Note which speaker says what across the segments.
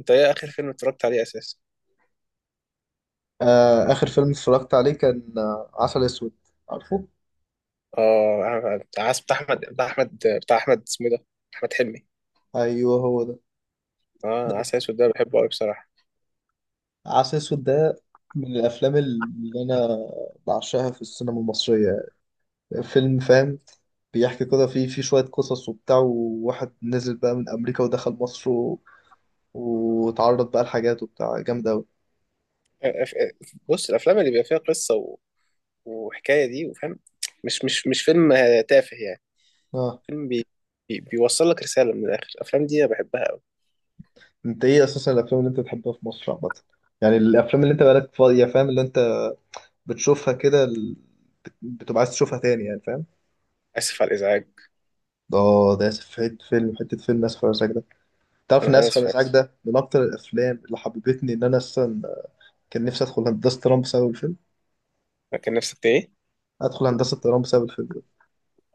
Speaker 1: انت ايه اخر فيلم اتفرجت عليه اساسا؟
Speaker 2: آخر فيلم اتفرجت عليه كان عسل أسود. عارفه؟
Speaker 1: اه، بتاع احمد. بتاع احمد اسمه إيه ده؟ احمد حلمي.
Speaker 2: أيوه، هو ده.
Speaker 1: اه، عسل
Speaker 2: ده
Speaker 1: اسود ده بحبه قوي بصراحه.
Speaker 2: عسل أسود ده من الأفلام اللي أنا بعشقها في السينما المصرية. فيلم، فاهم؟ بيحكي كده فيه شوية قصص وبتاع، وواحد نزل بقى من أمريكا ودخل مصر و... وتعرض بقى لحاجات وبتاع جامد أوي.
Speaker 1: بص، الافلام اللي بيبقى فيها قصه وحكايه دي وفاهم، مش فيلم تافه يعني.
Speaker 2: آه.
Speaker 1: فيلم بيوصل لك رساله من الاخر. الافلام دي انا بحبها قوي.
Speaker 2: أنت إيه أساسا الأفلام اللي أنت بتحبها في مصر عامة؟ يعني الأفلام اللي أنت بقالك فاضية، فاهم؟ اللي أنت بتشوفها كده بتبقى عايز تشوفها تاني، يعني فاهم؟
Speaker 1: اسف على الازعاج.
Speaker 2: اه، ده اسف في حته فيلم اسف على الازعاج ده. تعرف
Speaker 1: انا
Speaker 2: ان
Speaker 1: أنا
Speaker 2: اسف على
Speaker 1: اسف.
Speaker 2: الازعاج ده من اكتر الافلام اللي حببتني ان انا اصلا كان نفسي ادخل هندسه طيران بسبب الفيلم.
Speaker 1: كان نفسك ايه؟
Speaker 2: ادخل هندسه طيران بسبب الفيلم ده.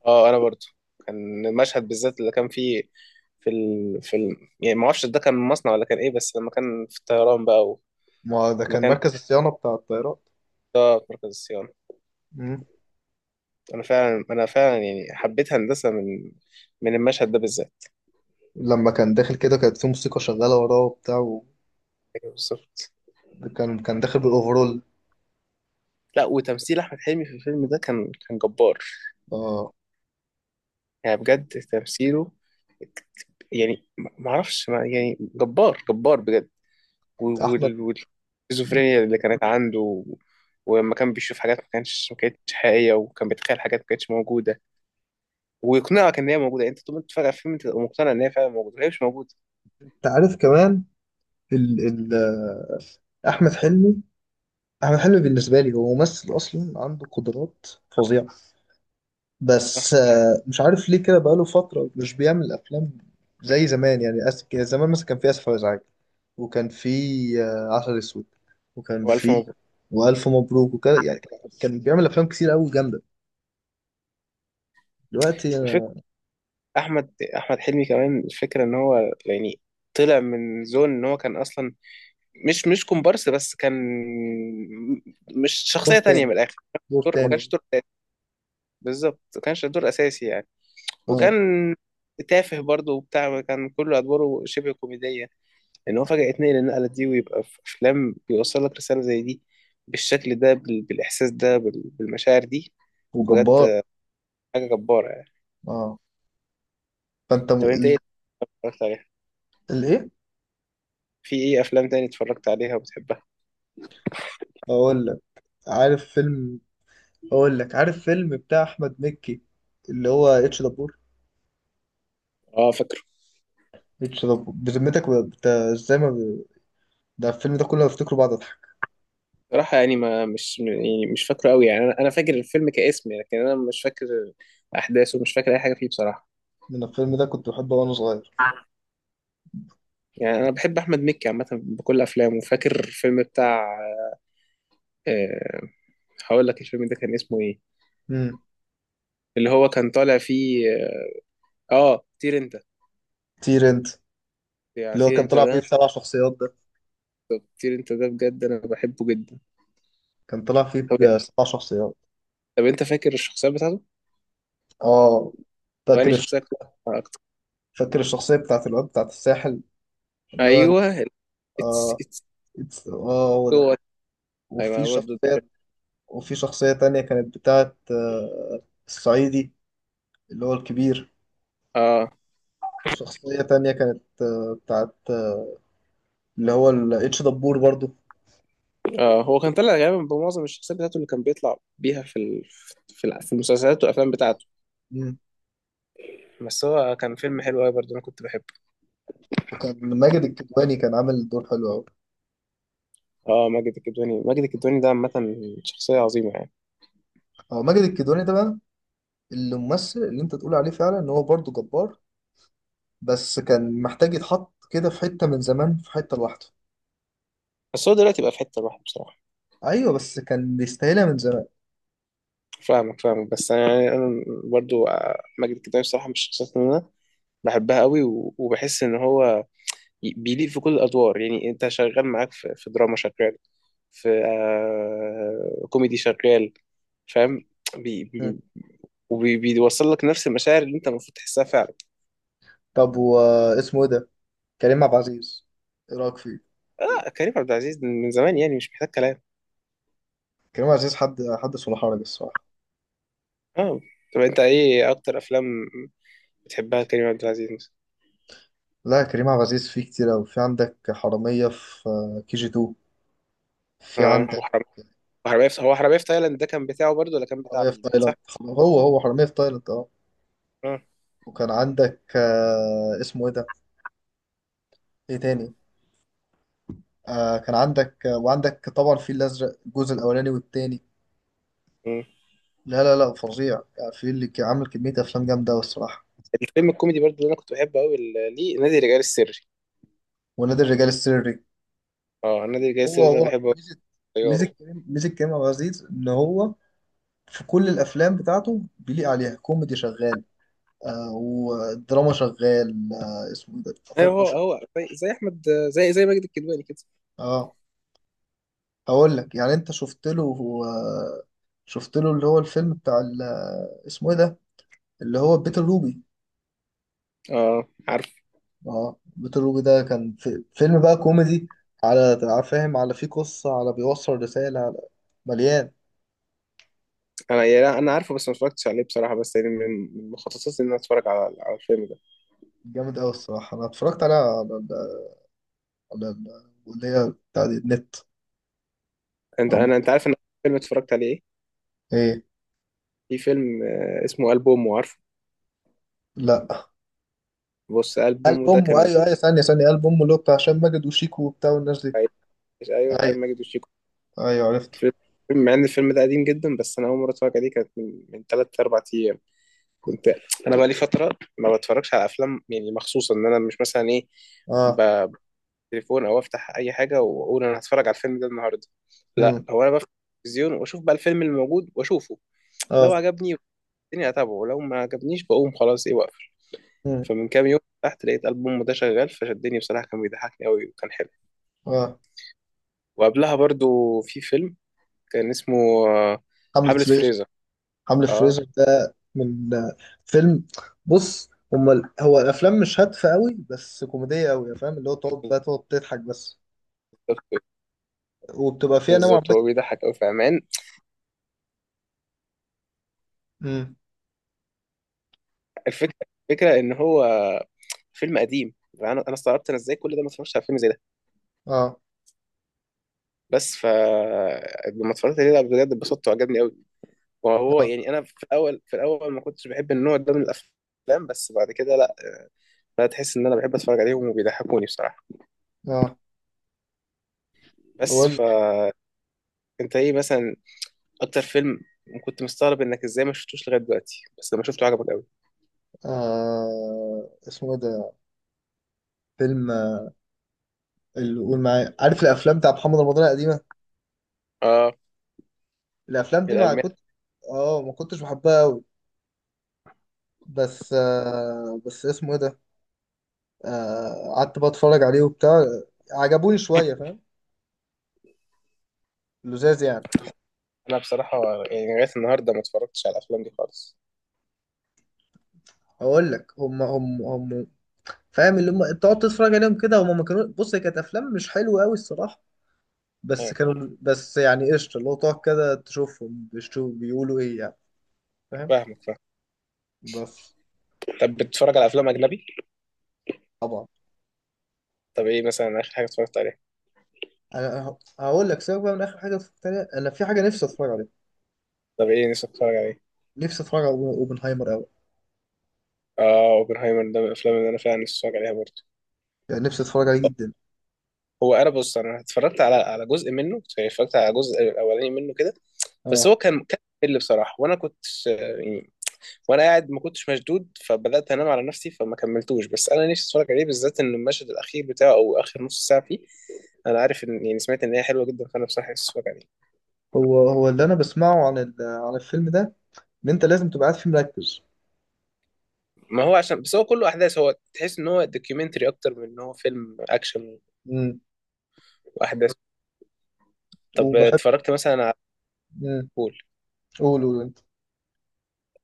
Speaker 1: اه، انا برضو كان المشهد بالذات اللي كان فيه، يعني ما اعرفش ده كان مصنع ولا كان ايه، بس لما كان في الطيران بقى
Speaker 2: ما ده كان
Speaker 1: المكان،
Speaker 2: مركز الصيانه بتاع الطيارات.
Speaker 1: اه، مركز الصيانة.
Speaker 2: مم.
Speaker 1: أنا فعلا يعني حبيت هندسة من المشهد ده بالذات.
Speaker 2: لما كان داخل كده كانت في موسيقى شغاله وراه وبتاع، وكان
Speaker 1: أيوة بالظبط.
Speaker 2: كان كان داخل بالاوفرول.
Speaker 1: لا، وتمثيل أحمد حلمي في الفيلم ده كان جبار.
Speaker 2: اه.
Speaker 1: يعني بجد تمثيله، يعني ما ما اعرفش ما يعني جبار جبار بجد.
Speaker 2: احمد. مم.
Speaker 1: والسكيزوفرينيا اللي كانت عنده، ولما كان بيشوف حاجات ما كانتش حقيقيه، وكان بيتخيل حاجات ما كانتش موجوده ويقنعك ان هي موجوده. يعني انت طول ما انت فاكر الفيلم انت تبقى مقتنع ان هي فعلا موجوده، وهي مش موجوده.
Speaker 2: انت عارف كمان، ال ال آه، احمد حلمي. احمد حلمي بالنسبه لي هو ممثل اصلا عنده قدرات فظيعه.
Speaker 1: صح،
Speaker 2: بس مش عارف ليه كده بقاله فترة مش بيعمل أفلام زي زمان، يعني كان زمان مثلا كان في آسف على الإزعاج، وكان في عسل أسود، وكان
Speaker 1: والف
Speaker 2: في،
Speaker 1: مبروك.
Speaker 2: وألف مبروك، وكده يعني. كان بيعمل أفلام كتير أوي جامدة. دلوقتي أنا.
Speaker 1: احمد احمد حلمي كمان، الفكره ان هو يعني طلع من زون، ان هو كان اصلا مش كومبارس، بس كان مش
Speaker 2: دور
Speaker 1: شخصيه تانية
Speaker 2: تاني.
Speaker 1: من الاخر.
Speaker 2: دور
Speaker 1: دور ما
Speaker 2: تاني.
Speaker 1: كانش دور أساسي، بالظبط، ما كانش دور اساسي يعني.
Speaker 2: اه.
Speaker 1: وكان تافه برضه وبتاع، كان كل ادواره شبه كوميديه، ان هو فجاه يتنقل النقله دي ويبقى في افلام بيوصل لك رساله زي دي، بالشكل ده، بالاحساس ده، بالمشاعر دي.
Speaker 2: وجبار.
Speaker 1: بجد حاجه جباره يعني.
Speaker 2: اه. فأنت
Speaker 1: طب انت ايه اتفرجت عليها؟
Speaker 2: الإيه؟
Speaker 1: في ايه افلام تاني اتفرجت عليها وبتحبها؟
Speaker 2: أقول لك عارف فيلم أقول لك عارف فيلم بتاع أحمد مكي، اللي هو اتش دبور.
Speaker 1: اه فاكر.
Speaker 2: اتش دبور، بذمتك ازاي ما ده الفيلم ده كله بفتكره بعد.
Speaker 1: صراحة يعني ما مش يعني مش فاكره قوي يعني، انا فاكر الفيلم كاسم يعني، لكن انا مش فاكر احداثه، مش فاكر اي حاجة فيه بصراحة.
Speaker 2: من الفيلم ده كنت بحبه وانا صغير.
Speaker 1: يعني انا بحب احمد مكي عامة بكل افلامه، وفاكر الفيلم بتاع، أه، هقول لك الفيلم ده كان اسمه ايه،
Speaker 2: امم
Speaker 1: اللي هو كان طالع فيه. طير انت.
Speaker 2: طير انت.
Speaker 1: يعني
Speaker 2: اللي هو
Speaker 1: طير
Speaker 2: كان
Speaker 1: انت
Speaker 2: طلع فيه
Speaker 1: ده،
Speaker 2: 7 شخصيات ده.
Speaker 1: طير انت ده بجد انا بحبه جدا.
Speaker 2: كان طلع فيه
Speaker 1: طب
Speaker 2: 7 شخصيات.
Speaker 1: طب انت فاكر الشخصيات بتاعته؟
Speaker 2: اه.
Speaker 1: طب
Speaker 2: فاكر
Speaker 1: انهي شخصية كنت بتحبها اكتر؟
Speaker 2: فاكر الشخصية بتاعت الواد بتاعت الساحل، اللي هو
Speaker 1: ايوه. اتس
Speaker 2: اه
Speaker 1: اتس
Speaker 2: هو ده.
Speaker 1: هو. ايوه
Speaker 2: وفي
Speaker 1: انا برضه.
Speaker 2: شخصية وفي شخصية تانية كانت بتاعت الصعيدي، اللي هو الكبير.
Speaker 1: اه.
Speaker 2: وشخصية تانية كانت بتاعت اللي هو الاتش دبور برضو.
Speaker 1: آه، هو كان طلع غالبا بمعظم الشخصيات بتاعته اللي كان بيطلع بيها في المسلسلات والافلام بتاعته.
Speaker 2: مم.
Speaker 1: بس هو كان فيلم حلو قوي برضه، انا كنت بحبه.
Speaker 2: وكان ماجد الكدواني كان عامل دور حلو أوي.
Speaker 1: اه، ماجد الكدواني، ماجد الكدواني ده عامه شخصيه عظيمه يعني.
Speaker 2: هو ماجد الكدواني ده بقى الممثل اللي انت تقول عليه فعلا ان هو برضه جبار. بس كان محتاج يتحط كده في حتة من زمان، في حتة لوحده.
Speaker 1: بس هو دلوقتي بقى في حته لوحده بصراحه.
Speaker 2: ايوه، بس كان بيستاهلها من زمان.
Speaker 1: فاهمك فاهمك، بس انا يعني، انا برضه، ماجد الكدواني بصراحه من الشخصيات اللي انا بحبها قوي، وبحس ان هو بيليق في كل الادوار. يعني انت شغال، معاك في دراما شغال، في كوميدي شغال، فاهم، بي
Speaker 2: مم.
Speaker 1: بي- بيوصل لك نفس المشاعر اللي انت المفروض تحسها فعلا.
Speaker 2: طب، واسمه ايه ده؟ كريم عبد العزيز. ايه رايك فيه؟
Speaker 1: اه، كريم عبد العزيز من زمان يعني مش محتاج كلام.
Speaker 2: كريم عبد العزيز حد صلاح حرج الصراحة.
Speaker 1: اه. طب انت ايه اكتر افلام بتحبها كريم عبد العزيز مثلا؟
Speaker 2: لا، كريم عبد العزيز فيه كتير أوي. في عندك حرامية في كي جي 2، في
Speaker 1: اه،
Speaker 2: عندك
Speaker 1: وحرام، وحرامية في، هو حرامية في تايلاند ده كان بتاعه برضه ولا كان بتاع
Speaker 2: حرامية في
Speaker 1: مين؟ صح.
Speaker 2: تايلاند. هو حرامية في تايلاند، اه.
Speaker 1: اه.
Speaker 2: وكان عندك اسمه ايه ده؟ ايه تاني؟ كان عندك، وعندك طبعا في الازرق الجزء الاولاني والتاني.
Speaker 1: مم.
Speaker 2: لا، لا، لا، فظيع يعني، في اللي كان عامل كمية أفلام جامدة أوي الصراحة.
Speaker 1: الفيلم الكوميدي برضه اللي انا كنت بحبه قوي، ليه؟ نادي الرجال السري.
Speaker 2: ونادي الرجال السري.
Speaker 1: اه، نادي الرجال
Speaker 2: هو
Speaker 1: السري ده
Speaker 2: هو
Speaker 1: بحبه قوي. طياره.
Speaker 2: ميزة كريم عبد العزيز إن هو في كل الأفلام بتاعته بيليق عليها. كوميدي شغال، ودراما شغال. اسمه إيه ده،
Speaker 1: ايوه،
Speaker 2: فاهم؟
Speaker 1: هو هو زي احمد، زي ماجد الكدواني كده.
Speaker 2: اه. هقول لك يعني، أنت شفت له اللي هو الفيلم بتاع اسمه إيه ده، اللي هو بيت الروبي.
Speaker 1: اه عارف.
Speaker 2: اه، بيتر روبي ده كان في فيلم بقى كوميدي، على فاهم، على فيه قصة، على بيوصل رسالة، على مليان.
Speaker 1: انا يعني، انا عارفه، بس ما اتفرجتش عليه بصراحه، بس يعني من، من مخططاتي ان انا اتفرج على الفيلم ده.
Speaker 2: جامد أوي الصراحة. أنا اتفرجت عليها اللي هي بتاع دي النت. عم؟
Speaker 1: انت عارف ان أول فيلم اتفرجت عليه
Speaker 2: إيه؟
Speaker 1: ايه؟ في فيلم، آه، اسمه البومه، عارفه؟
Speaker 2: لا.
Speaker 1: بص،
Speaker 2: قلب
Speaker 1: البومه ده
Speaker 2: أمه،
Speaker 1: كان،
Speaker 2: أيوه أيوه، ثانية ثانية، قلب أمه اللي هو بتاع هشام ماجد وشيكو وبتاع والناس دي.
Speaker 1: ايوه، هشام
Speaker 2: أيوه
Speaker 1: ماجد وشيكو.
Speaker 2: أيوه، عرفته.
Speaker 1: الفيلم، مع ان الفيلم ده قديم جدا، بس انا اول مره اتفرج عليه كانت من 3 4 ايام. كنت، انا بقى لي فتره ما بتفرجش على افلام، يعني مخصوص ان انا مش مثلا ايه،
Speaker 2: أه.
Speaker 1: ب- بالتليفون او افتح اي حاجه واقول انا هتفرج على الفيلم ده النهارده. لا،
Speaker 2: أمم.
Speaker 1: هو انا بفتح التلفزيون واشوف بقى الفيلم اللي موجود واشوفه، لو
Speaker 2: أه.
Speaker 1: عجبني الدنيا اتابعه، ولو ما عجبنيش بقوم خلاص ايه واقفل.
Speaker 2: أمم.
Speaker 1: فمن كام يوم تحت لقيت ألبوم ده شغال فشدني بصراحة، كان بيضحكني قوي وكان حلو.
Speaker 2: أه.
Speaker 1: وقبلها برضو في فيلم كان اسمه، آه،
Speaker 2: حملة
Speaker 1: حملة
Speaker 2: فريزر.
Speaker 1: فريزر.
Speaker 2: حملة
Speaker 1: اه
Speaker 2: فريزر ده من فيلم. بص هما هو الافلام مش هادفه قوي بس كوميديه قوي، فاهم؟ اللي هو تقعد بقى تقعد تضحك بس.
Speaker 1: بالظبط.
Speaker 2: وبتبقى فيها نوع
Speaker 1: بالظبط،
Speaker 2: ما.
Speaker 1: هو بيضحك قوي في عمان.
Speaker 2: امم.
Speaker 1: الفكرة الفكرة ان هو فيلم قديم، انا استغربت انا ازاي كل ده ما اتفرجتش على فيلم زي ده.
Speaker 2: اه.
Speaker 1: بس ف لما اتفرجت عليه، لا، بجد اتبسطت وعجبني قوي. وهو
Speaker 2: اه.
Speaker 1: يعني انا في الاول ما كنتش بحب النوع ده من الافلام، بس بعد كده لا، لا، تحس ان انا بحب اتفرج عليهم وبيضحكوني بصراحه.
Speaker 2: اه. هو
Speaker 1: بس فانت ايه مثلا اكتر فيلم كنت مستغرب انك ازاي ما شفتوش لغايه دلوقتي، بس لما شفته عجبك قوي؟
Speaker 2: اسمه ايه ده، فيلم اللي قول معايا، عارف الافلام بتاع محمد رمضان القديمه؟
Speaker 1: اه،
Speaker 2: الافلام دي ما
Speaker 1: الالمان.
Speaker 2: كنت. اه، ما كنتش بحبها قوي. بس اسمه ايه ده؟ قعدت بقى اتفرج عليه وبتاع. عجبوني شويه، فاهم؟ لذاذ يعني.
Speaker 1: انا بصراحه يعني لغايه النهارده ما اتفرجتش على الافلام دي خالص.
Speaker 2: اقول لك، هم فاهم؟ اللي هم تقعد تتفرج عليهم كده، هم ما كانوا، بص، هي كانت افلام مش حلوه قوي الصراحه. بس
Speaker 1: اه
Speaker 2: كانوا، بس يعني قشطه، اللي هو تقعد كده تشوفهم، بيشوف بيقولوا ايه يعني. فاهم؟
Speaker 1: فاهمك فاهم.
Speaker 2: بس
Speaker 1: طب بتتفرج على افلام اجنبي؟
Speaker 2: طبعا.
Speaker 1: طب ايه مثلا اخر حاجه اتفرجت عليها؟
Speaker 2: انا هقول لك، سيبك بقى من اخر حاجه اتفرجت عليها، انا في حاجه نفسي اتفرج عليها.
Speaker 1: طب ايه نفسك تتفرج عليه؟
Speaker 2: نفسي اتفرج على اوبنهايمر قوي.
Speaker 1: اه، اوبنهايمر ده من الافلام اللي انا فعلا نفسي اتفرج عليها برضه.
Speaker 2: يعني نفسي اتفرج عليه جدا.
Speaker 1: هو انا بص، انا اتفرجت على جزء منه، اتفرجت على الجزء الاولاني منه كده، بس
Speaker 2: اه.
Speaker 1: هو كان اللي بصراحه، وانا كنت، آه، وانا قاعد ما كنتش مشدود فبدات انام على نفسي فما كملتوش. بس انا نفسي اتفرج عليه بالذات ان المشهد الاخير بتاعه او اخر نص ساعه فيه، انا عارف ان يعني سمعت ان هي حلوه جدا، فانا بصراحه نفسي اتفرج عليه.
Speaker 2: هو اللي انا بسمعه عن الفيلم ده، ان انت لازم تبقى قاعد فيه مركز.
Speaker 1: ما هو عشان بس هو كله احداث، هو تحس ان هو دوكيومنتري اكتر من ان هو فيلم اكشن
Speaker 2: امم.
Speaker 1: واحداث. طب
Speaker 2: وبحب.
Speaker 1: اتفرجت مثلا على،
Speaker 2: امم.
Speaker 1: بول،
Speaker 2: قول قول انت.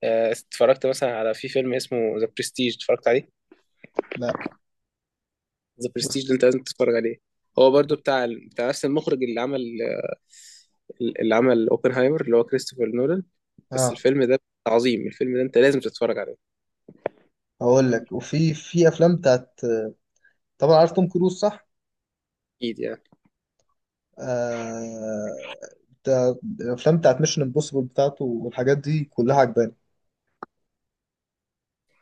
Speaker 1: اتفرجت مثلا على، في فيلم اسمه ذا برستيج، اتفرجت عليه؟
Speaker 2: لا،
Speaker 1: ذا
Speaker 2: بص.
Speaker 1: برستيج ده انت لازم تتفرج عليه. هو برضو بتاع نفس المخرج اللي عمل، اللي عمل اوبنهايمر، اللي هو كريستوفر نولان. بس
Speaker 2: اه.
Speaker 1: الفيلم ده عظيم، الفيلم ده انت لازم تتفرج عليه.
Speaker 2: هقول لك، وفي في افلام بتاعت. طبعا عارف توم كروز، صح؟
Speaker 1: اكيد يعني.
Speaker 2: آه... بتاع- الافلام بتاعت ميشن امبوسيبل بتاعته والحاجات دي كلها عجباني.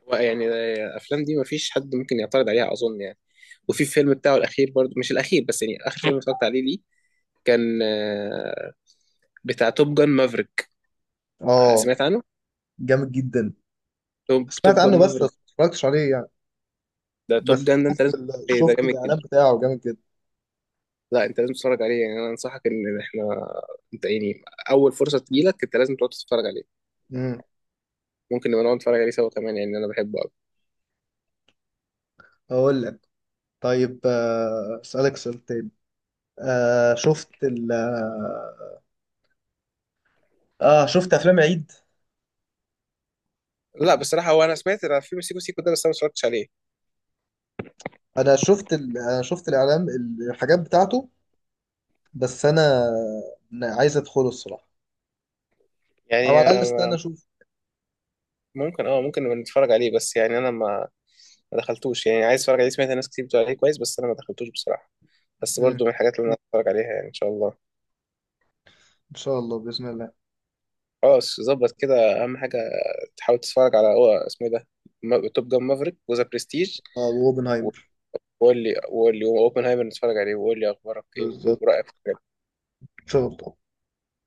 Speaker 1: هو يعني الافلام دي مفيش حد ممكن يعترض عليها اظن يعني. وفي الفيلم بتاعه الاخير برضو، مش الاخير، بس يعني اخر فيلم اتفرجت عليه ليه، كان، بتاع توب جان مافريك.
Speaker 2: اه.
Speaker 1: سمعت عنه؟
Speaker 2: جامد جدا.
Speaker 1: توب
Speaker 2: سمعت
Speaker 1: جان
Speaker 2: عنه، بس
Speaker 1: مافريك
Speaker 2: بس ما اتفرجتش عليه يعني.
Speaker 1: ده، توب
Speaker 2: بس
Speaker 1: جان ده انت لازم تتفرج عليه، ده
Speaker 2: شفت
Speaker 1: جامد
Speaker 2: الاعلان
Speaker 1: جدا.
Speaker 2: بتاعه جامد جدا.
Speaker 1: لا انت لازم تتفرج عليه، يعني انا انصحك ان احنا، انت يعني اول فرصه تجيلك انت لازم تقعد تتفرج عليه.
Speaker 2: امم.
Speaker 1: ممكن نبقى نقعد نتفرج عليه سوا كمان، يعني انا بحبه قوي.
Speaker 2: هقول لك. طيب، اسالك سؤال تاني. آه... شفت ال... اه شفت افلام عيد؟
Speaker 1: لا بصراحه، هو انا سمعت عن فيلم سيكو سيكو ده، بس انا ما اتفرجتش عليه.
Speaker 2: انا شفت الاعلان، الحاجات بتاعته. بس انا عايز ادخله الصراحة، او على
Speaker 1: يعني
Speaker 2: الاقل استنى اشوف.
Speaker 1: ممكن، ممكن نبقى نتفرج عليه، بس يعني انا ما، ما دخلتوش. يعني عايز اتفرج عليه، سمعت ناس كتير بتقول عليه كويس، بس انا ما دخلتوش بصراحه. بس
Speaker 2: امم.
Speaker 1: برضو من الحاجات اللي انا هتفرج عليها يعني ان شاء الله.
Speaker 2: ان شاء الله، باذن الله.
Speaker 1: خلاص ظبط كده. اهم حاجه تحاول تتفرج على، هو اسمه إيه ده، توب جان مافريك وذا برستيج.
Speaker 2: اه، واوبنهايمر.
Speaker 1: وقول لي اوبنهايمر نتفرج عليه، وقول لي اخبارك ايه
Speaker 2: بالظبط.
Speaker 1: ورأيك في الحاجات.
Speaker 2: ان شاء الله.